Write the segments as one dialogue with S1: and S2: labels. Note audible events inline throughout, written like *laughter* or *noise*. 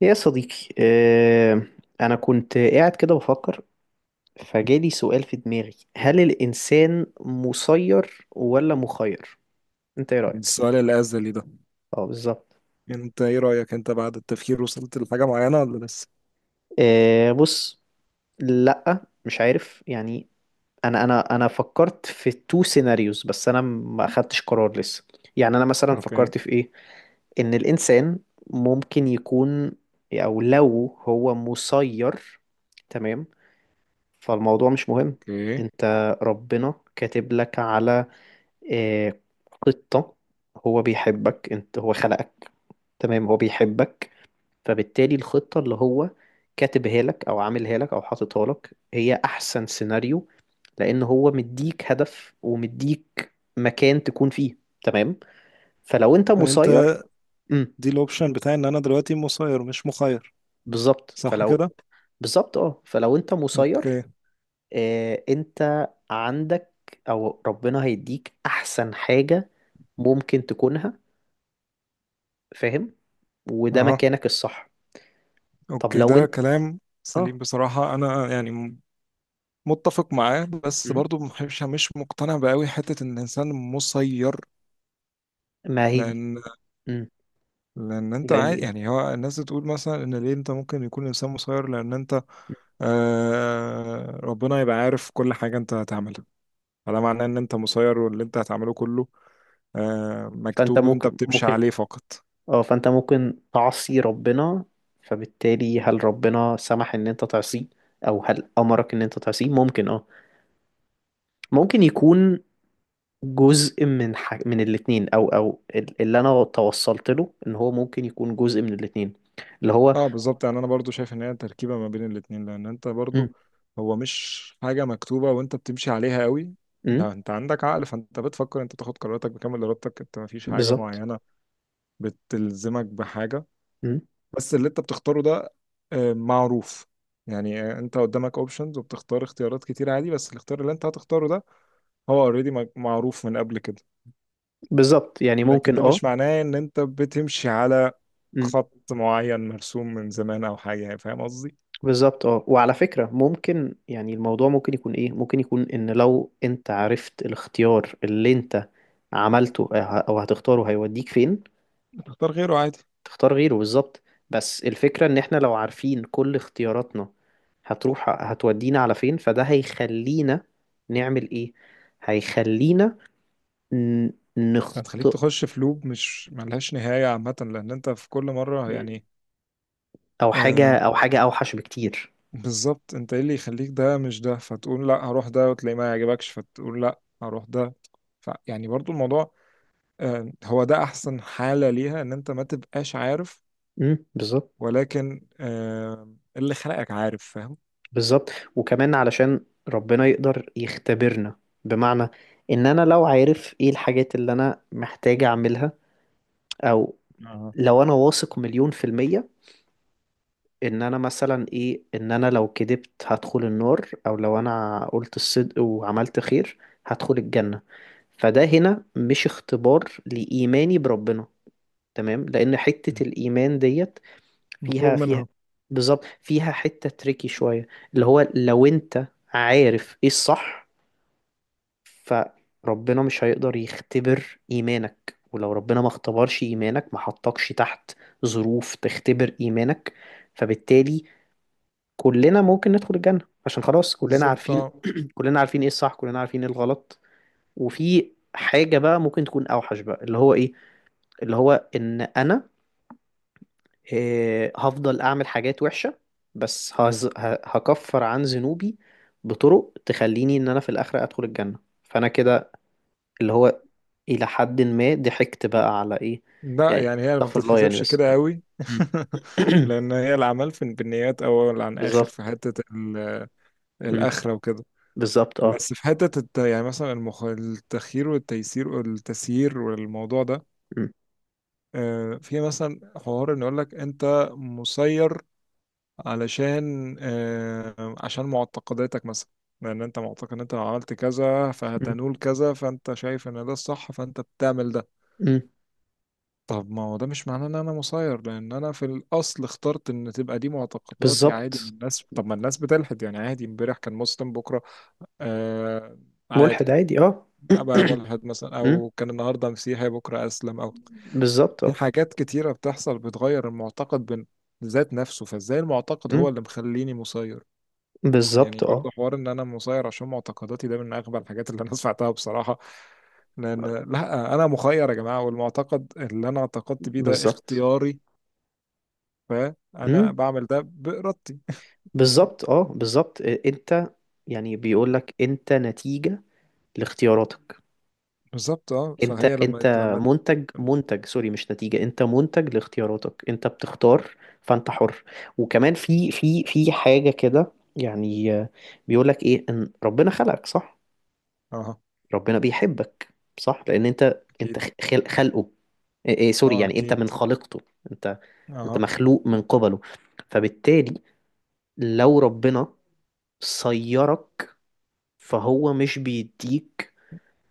S1: يا صديقي أنا كنت قاعد كده بفكر فجالي سؤال في دماغي، هل الإنسان مسير ولا مخير؟ أنت إيه رأيك؟
S2: السؤال الأزلي ده.
S1: أه بالظبط.
S2: انت ايه رأيك؟ انت بعد التفكير وصلت لحاجة معينة ولا لسه؟
S1: بص، لأ مش عارف يعني. أنا فكرت في تو سيناريوز، بس أنا ما أخدتش قرار لسه. يعني أنا مثلا
S2: اوكي،
S1: فكرت في إيه؟ إن الإنسان ممكن يكون، أو لو هو مسير، تمام، فالموضوع مش مهم.
S2: اوكي.
S1: انت ربنا كاتب لك على، آه، خطة. هو بيحبك، انت هو خلقك، تمام، هو بيحبك، فبالتالي الخطة اللي هو كاتبها لك او عاملها لك او حاططها لك هي احسن سيناريو، لان هو مديك هدف ومديك مكان تكون فيه، تمام. فلو انت
S2: فانت
S1: مسير، امم
S2: دي الاوبشن بتاعي ان انا دلوقتي مسير مش مخير،
S1: بالظبط،
S2: صح
S1: فلو،
S2: كده؟
S1: بالظبط اه، فلو انت مسير،
S2: اوكي.
S1: انت عندك، او ربنا هيديك احسن حاجة ممكن تكونها، فاهم، وده
S2: اها.
S1: مكانك الصح. طب
S2: اوكي،
S1: لو
S2: ده
S1: انت
S2: كلام
S1: اه.
S2: سليم بصراحة. انا يعني متفق معاه، بس
S1: مم.
S2: برضو مش مقتنع بقوي حتة ان الانسان مسير.
S1: ما هي.
S2: لان
S1: مم.
S2: لان انت
S1: لان
S2: عادي،
S1: ايه.
S2: يعني هو الناس بتقول مثلا ان ليه انت ممكن يكون الانسان مسير، لان انت
S1: مم.
S2: آه ربنا يبقى عارف كل حاجة انت هتعملها، فده معناه ان انت مسير، واللي انت هتعمله كله
S1: فانت
S2: مكتوب وانت
S1: ممكن
S2: بتمشي
S1: ممكن
S2: عليه فقط.
S1: اه، فانت ممكن تعصي ربنا، فبالتالي هل ربنا سمح ان انت تعصيه او هل امرك ان انت تعصيه؟ ممكن اه، ممكن يكون من الاتنين، او اللي انا توصلت له ان هو ممكن يكون جزء من الاتنين اللي هو.
S2: اه بالظبط، يعني انا برضو شايف ان هي تركيبة ما بين الاتنين، لان انت برضو
S1: مم.
S2: هو مش حاجة مكتوبة وانت بتمشي عليها قوي.
S1: مم.
S2: ده انت عندك عقل، فانت بتفكر، انت تاخد قراراتك بكامل ارادتك، انت ما فيش حاجة
S1: بالظبط.
S2: معينة بتلزمك بحاجة.
S1: مم.
S2: بس اللي انت بتختاره ده معروف. يعني انت قدامك اوبشنز وبتختار اختيارات كتير عادي، بس الاختيار اللي انت هتختاره ده هو اوريدي معروف من قبل كده.
S1: بالظبط يعني
S2: لكن
S1: ممكن
S2: ده
S1: اه.
S2: مش معناه ان انت بتمشي على
S1: مم.
S2: خط معين مرسوم من زمان او حاجه، يعني فاهم قصدي.
S1: بالظبط اه، وعلى فكرة ممكن، يعني الموضوع ممكن يكون ايه، ممكن يكون ان لو انت عرفت الاختيار اللي انت عملته او هتختاره هيوديك فين،
S2: تختار غيره عادي.
S1: تختار غيره بالظبط. بس الفكرة ان احنا لو عارفين كل اختياراتنا هتروح هتودينا على فين، فده هيخلينا نعمل ايه، هيخلينا ن-
S2: هتخليك
S1: نخطئ.
S2: تخش في لوب مش ملهاش نهايه عامه، لان انت في كل مره،
S1: مم.
S2: يعني
S1: او
S2: آه
S1: حاجة، او حاجة اوحش بكتير.
S2: بالظبط. انت ايه اللي يخليك ده مش ده، فتقول لا هروح ده، وتلاقي ما يعجبكش فتقول لا هروح ده. ف يعني برضو الموضوع آه هو ده احسن حاله ليها، ان انت ما تبقاش عارف،
S1: مم. بالظبط.
S2: ولكن آه اللي خلقك عارف، فاهم.
S1: بالظبط، وكمان علشان ربنا يقدر يختبرنا، بمعنى ان انا لو عارف ايه الحاجات اللي انا محتاج اعملها، او
S2: اه،
S1: لو انا واثق 100% ان انا مثلا ايه، ان انا لو كدبت هدخل النار، او لو انا قلت الصدق وعملت خير هدخل الجنة، فده هنا مش اختبار لإيماني بربنا، تمام، لأن حتة الإيمان ديت فيها
S2: مفروغ
S1: فيها
S2: منها.
S1: بالظبط، فيها حتة تريكي شوية، اللي هو لو أنت عارف إيه الصح، فربنا مش هيقدر يختبر إيمانك، ولو ربنا ما اختبرش إيمانك ما حطكش تحت ظروف تختبر إيمانك، فبالتالي كلنا ممكن ندخل الجنة، عشان خلاص كلنا
S2: بالظبط
S1: عارفين،
S2: آه.
S1: كلنا عارفين ايه الصح، كلنا عارفين ايه الغلط. وفي حاجة بقى ممكن تكون أوحش بقى، اللي هو ايه، اللي هو إن أنا هفضل أعمل حاجات وحشة، بس هكفر عن ذنوبي بطرق تخليني إن أنا في الآخرة أدخل الجنة، فأنا كده اللي هو إلى حد ما ضحكت بقى على إيه.
S2: لا،
S1: يعني
S2: يعني هي ما
S1: استغفر الله يعني،
S2: بتتحسبش
S1: بس.
S2: كده قوي
S1: مم.
S2: *laughs*
S1: *clears throat*
S2: لان هي العمل في بالنيات، اول عن اخر في
S1: بالظبط.
S2: حته
S1: مم.
S2: الاخره وكده.
S1: بالظبط اه.
S2: بس في حته يعني مثلا التخيير والتيسير والتسيير والموضوع ده
S1: مم.
S2: في مثلا حوار ان يقول لك انت مسير، علشان عشان معتقداتك مثلا، لان انت معتقد ان انت لو عملت كذا
S1: مم.
S2: فهتنول كذا، فانت شايف ان ده الصح فانت بتعمل ده.
S1: مم.
S2: طب ما هو ده مش معناه ان انا مسير، لان انا في الاصل اخترت ان تبقى دي معتقداتي عادي من
S1: بالظبط.
S2: الناس، طب ما الناس بتلحد يعني عادي، امبارح كان مسلم بكره آه
S1: ملحد
S2: عادي
S1: عادي اه.
S2: ابقى
S1: *clears throat*
S2: ملحد مثلا،
S1: مم.
S2: او كان النهارده مسيحي بكره اسلم، او
S1: بالظبط
S2: في
S1: اه.
S2: حاجات كتيره بتحصل بتغير المعتقد ذات نفسه، فازاي المعتقد هو
S1: مم.
S2: اللي مخليني مسير؟ يعني
S1: بالظبط اه.
S2: برضه حوار ان انا مسير عشان معتقداتي ده من اغبى الحاجات اللي انا سمعتها بصراحه. لان لا، انا مخير يا جماعه، والمعتقد اللي انا اعتقدت بيه ده
S1: بالظبط.
S2: اختياري، فانا
S1: مم.
S2: بعمل ده بارادتي. *laughs*
S1: بالظبط اه، بالظبط إيه، انت، يعني بيقول لك انت نتيجة لاختياراتك،
S2: بالظبط اه.
S1: انت
S2: فهي لما
S1: انت
S2: لما
S1: منتج، منتج سوري، مش نتيجة، انت منتج لاختياراتك، انت بتختار فانت حر. وكمان في حاجة كده يعني، بيقولك ايه، ان ربنا خلقك صح،
S2: اه
S1: ربنا بيحبك صح، لان انت
S2: اكيد.
S1: خلقه، إيه إيه سوري
S2: اه
S1: يعني، انت
S2: اكيد.
S1: من خالقته، انت، انت
S2: اه
S1: مخلوق من قبله، فبالتالي لو ربنا صيرك فهو مش بيديك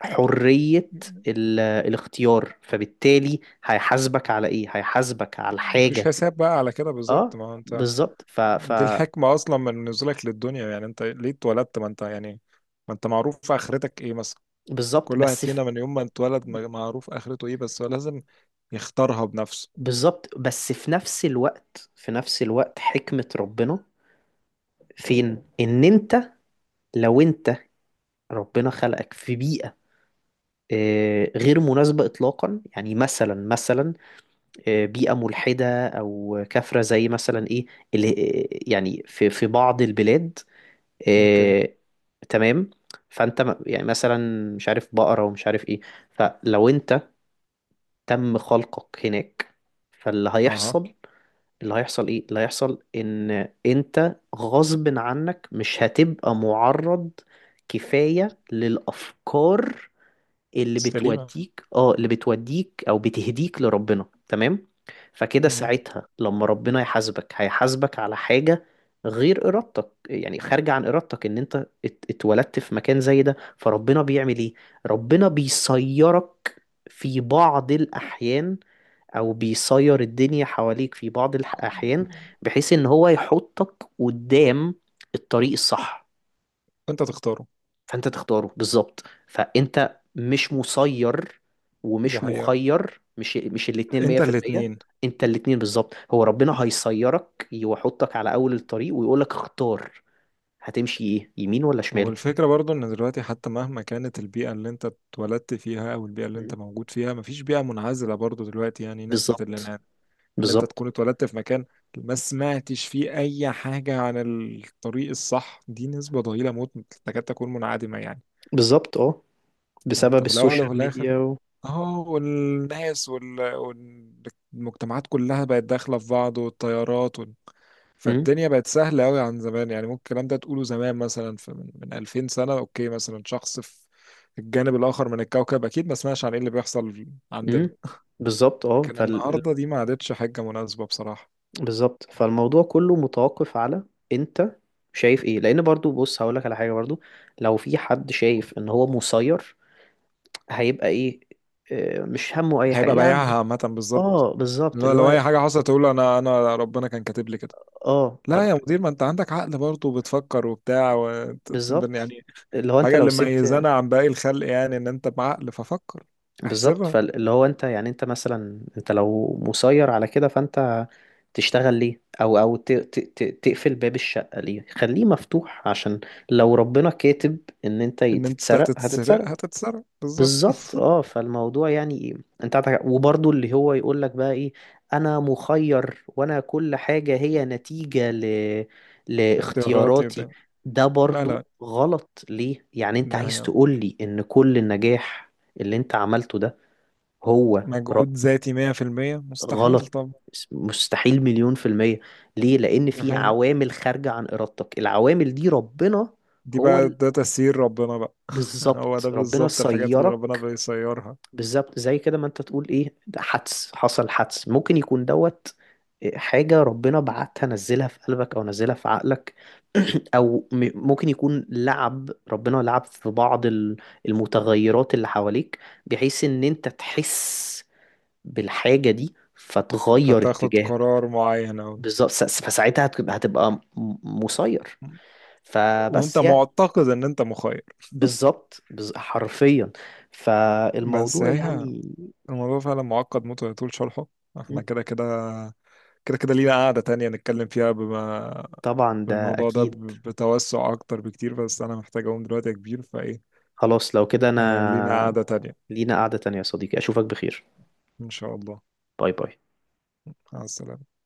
S1: حرية الاختيار، فبالتالي هيحاسبك على ايه، هيحاسبك على
S2: مفيش
S1: حاجة.
S2: حساب بقى على كده، بالظبط
S1: اه
S2: ما هو انت
S1: بالظبط ف
S2: دي الحكمة اصلا من نزولك للدنيا، يعني انت ليه اتولدت، ما انت يعني ما انت معروف اخرتك ايه مثلا.
S1: بالظبط،
S2: كل واحد
S1: بس في،
S2: فينا من يوم ما اتولد معروف اخرته ايه، بس هو لازم يختارها بنفسه.
S1: بالظبط بس في نفس الوقت، في نفس الوقت حكمة ربنا فين، ان انت، لو انت، ربنا خلقك في بيئة غير مناسبة إطلاقا، يعني مثلا مثلا، بيئة ملحدة أو كافرة، زي مثلا إيه اللي، يعني في في بعض البلاد
S2: اوكي.
S1: إيه، تمام. يعني مثلا مش عارف بقرة ومش عارف ايه، فلو انت تم خلقك هناك، فاللي
S2: اها.
S1: هيحصل، اللي هيحصل ايه، اللي هيحصل ان انت غصب عنك مش هتبقى معرض كفاية للأفكار
S2: سليمة.
S1: اللي بتوديك او بتهديك لربنا، تمام. فكده
S2: مهم.
S1: ساعتها لما ربنا يحاسبك هيحاسبك على حاجة غير إرادتك، يعني خارجة عن إرادتك، إن أنت اتولدت في مكان زي ده، فربنا بيعمل إيه؟ ربنا بيصيرك في بعض الأحيان، أو بيصير الدنيا حواليك في بعض الأحيان، بحيث إن هو يحطك قدام الطريق الصح،
S2: انت تختاره.
S1: فانت تختاره، بالظبط، فانت مش مسير
S2: دي
S1: ومش
S2: حقيقة،
S1: مخير، مش الاتنين
S2: انت
S1: 100%،
S2: الاتنين.
S1: انت الاتنين بالظبط، هو ربنا هيسيرك ويحطك على اول الطريق ويقولك اختار، هتمشي ايه، يمين ولا شمال.
S2: والفكرة برضو ان دلوقتي حتى مهما كانت البيئة اللي انت اتولدت فيها او البيئة اللي
S1: م.
S2: انت موجود فيها، مفيش بيئة منعزلة برضو دلوقتي، يعني نسبة
S1: بالظبط.
S2: الانعزال ان انت
S1: بالظبط.
S2: تكون اتولدت في مكان ما سمعتش فيه اي حاجة عن الطريق الصح دي نسبة ضئيلة موت، تكاد تكون منعدمة يعني.
S1: بالظبط اه،
S2: فانت
S1: بسبب
S2: في الاول وفي
S1: السوشيال
S2: الاخر
S1: ميديا و...
S2: اه، والناس والمجتمعات كلها بقت داخلة في بعض، والطيارات
S1: م.
S2: فالدنيا بقت سهلة أوي عن زمان. يعني ممكن الكلام ده تقوله زمان مثلا في من 2000 سنة. أوكي مثلا شخص في الجانب الآخر من الكوكب أكيد ما سمعش عن إيه اللي بيحصل
S1: م.
S2: عندنا،
S1: بالظبط اه
S2: لكن النهاردة دي ما عادتش حاجة مناسبة بصراحة.
S1: بالظبط، فالموضوع كله متوقف على انت شايف ايه، لان برضو بص هقولك على حاجة برضو، لو في حد شايف ان هو مسير هيبقى ايه، مش همه اي حاجه
S2: هيبقى
S1: يا عم.
S2: بايعها عامة بالظبط.
S1: اه بالظبط
S2: لو
S1: اللي
S2: لو
S1: هو،
S2: أي حاجة حصلت تقول أنا ربنا كان كاتب لي كده.
S1: اه طب،
S2: لا يا مدير، ما أنت عندك عقل برضه وبتفكر وبتاع و...
S1: بالظبط
S2: يعني
S1: اللي هو انت
S2: حاجة
S1: لو
S2: اللي
S1: سبت،
S2: ميزانا عن باقي الخلق، يعني إن أنت بعقل ففكر
S1: بالظبط،
S2: احسبها.
S1: فاللي هو انت يعني، انت مثلا انت لو مسير على كده، فانت تشتغل ليه، او او تقفل باب الشقه ليه، خليه مفتوح، عشان لو ربنا كاتب ان انت
S2: إن أنت
S1: تتسرق
S2: هتتسرق
S1: هتتسرق.
S2: هتتسرق بالظبط.
S1: بالظبط اه، فالموضوع يعني ايه، انت عندك، وبرضه اللي هو يقول لك بقى ايه، انا مخير وانا كل حاجة هي نتيجة ل...
S2: اختياراتي
S1: لاختياراتي،
S2: وبتاع.
S1: ده
S2: لا،
S1: برضه
S2: لا،
S1: غلط ليه، يعني انت
S2: دي
S1: عايز
S2: حقيقة،
S1: تقول لي ان كل النجاح اللي انت عملته ده هو
S2: مجهود ذاتي 100%. مستحيل
S1: غلط،
S2: طبعا.
S1: مستحيل 100%، ليه، لان
S2: دي
S1: في
S2: حقيقة.
S1: عوامل خارجة عن ارادتك، العوامل دي ربنا
S2: دي
S1: هو
S2: بقى
S1: ال...
S2: ده تسيير ربنا بقى. *laughs* هو
S1: بالظبط
S2: ده
S1: ربنا
S2: بالظبط الحاجات اللي ربنا
S1: سيرك،
S2: بيسيرها.
S1: بالظبط، زي كده ما انت تقول ايه، ده حدث حصل، حدث ممكن يكون دوت حاجة ربنا بعتها نزلها في قلبك او نزلها في عقلك، *clears throat* او ممكن يكون لعب، ربنا لعب في بعض المتغيرات اللي حواليك، بحيث ان انت تحس بالحاجة دي فتغير
S2: فتاخد
S1: اتجاهك،
S2: قرار معين، أو
S1: بالظبط فساعتها هتبقى، مسير،
S2: وانت
S1: فبس يعني
S2: معتقد ان انت مخير.
S1: بالظبط حرفيا،
S2: بس
S1: فالموضوع
S2: هي
S1: يعني.
S2: الموضوع فعلا معقد موت ويطول شرحه، احنا كده كده لينا قاعدة تانية نتكلم فيها بما
S1: طبعا ده
S2: بالموضوع ده
S1: اكيد.
S2: بتوسع اكتر بكتير. بس انا محتاج اقوم دلوقتي يا كبير، فايه
S1: خلاص لو كده
S2: آه لينا
S1: انا،
S2: قاعدة تانية.
S1: لينا قعدة تانية يا صديقي، اشوفك بخير،
S2: ان شاء الله،
S1: باي باي.
S2: مع السلامة.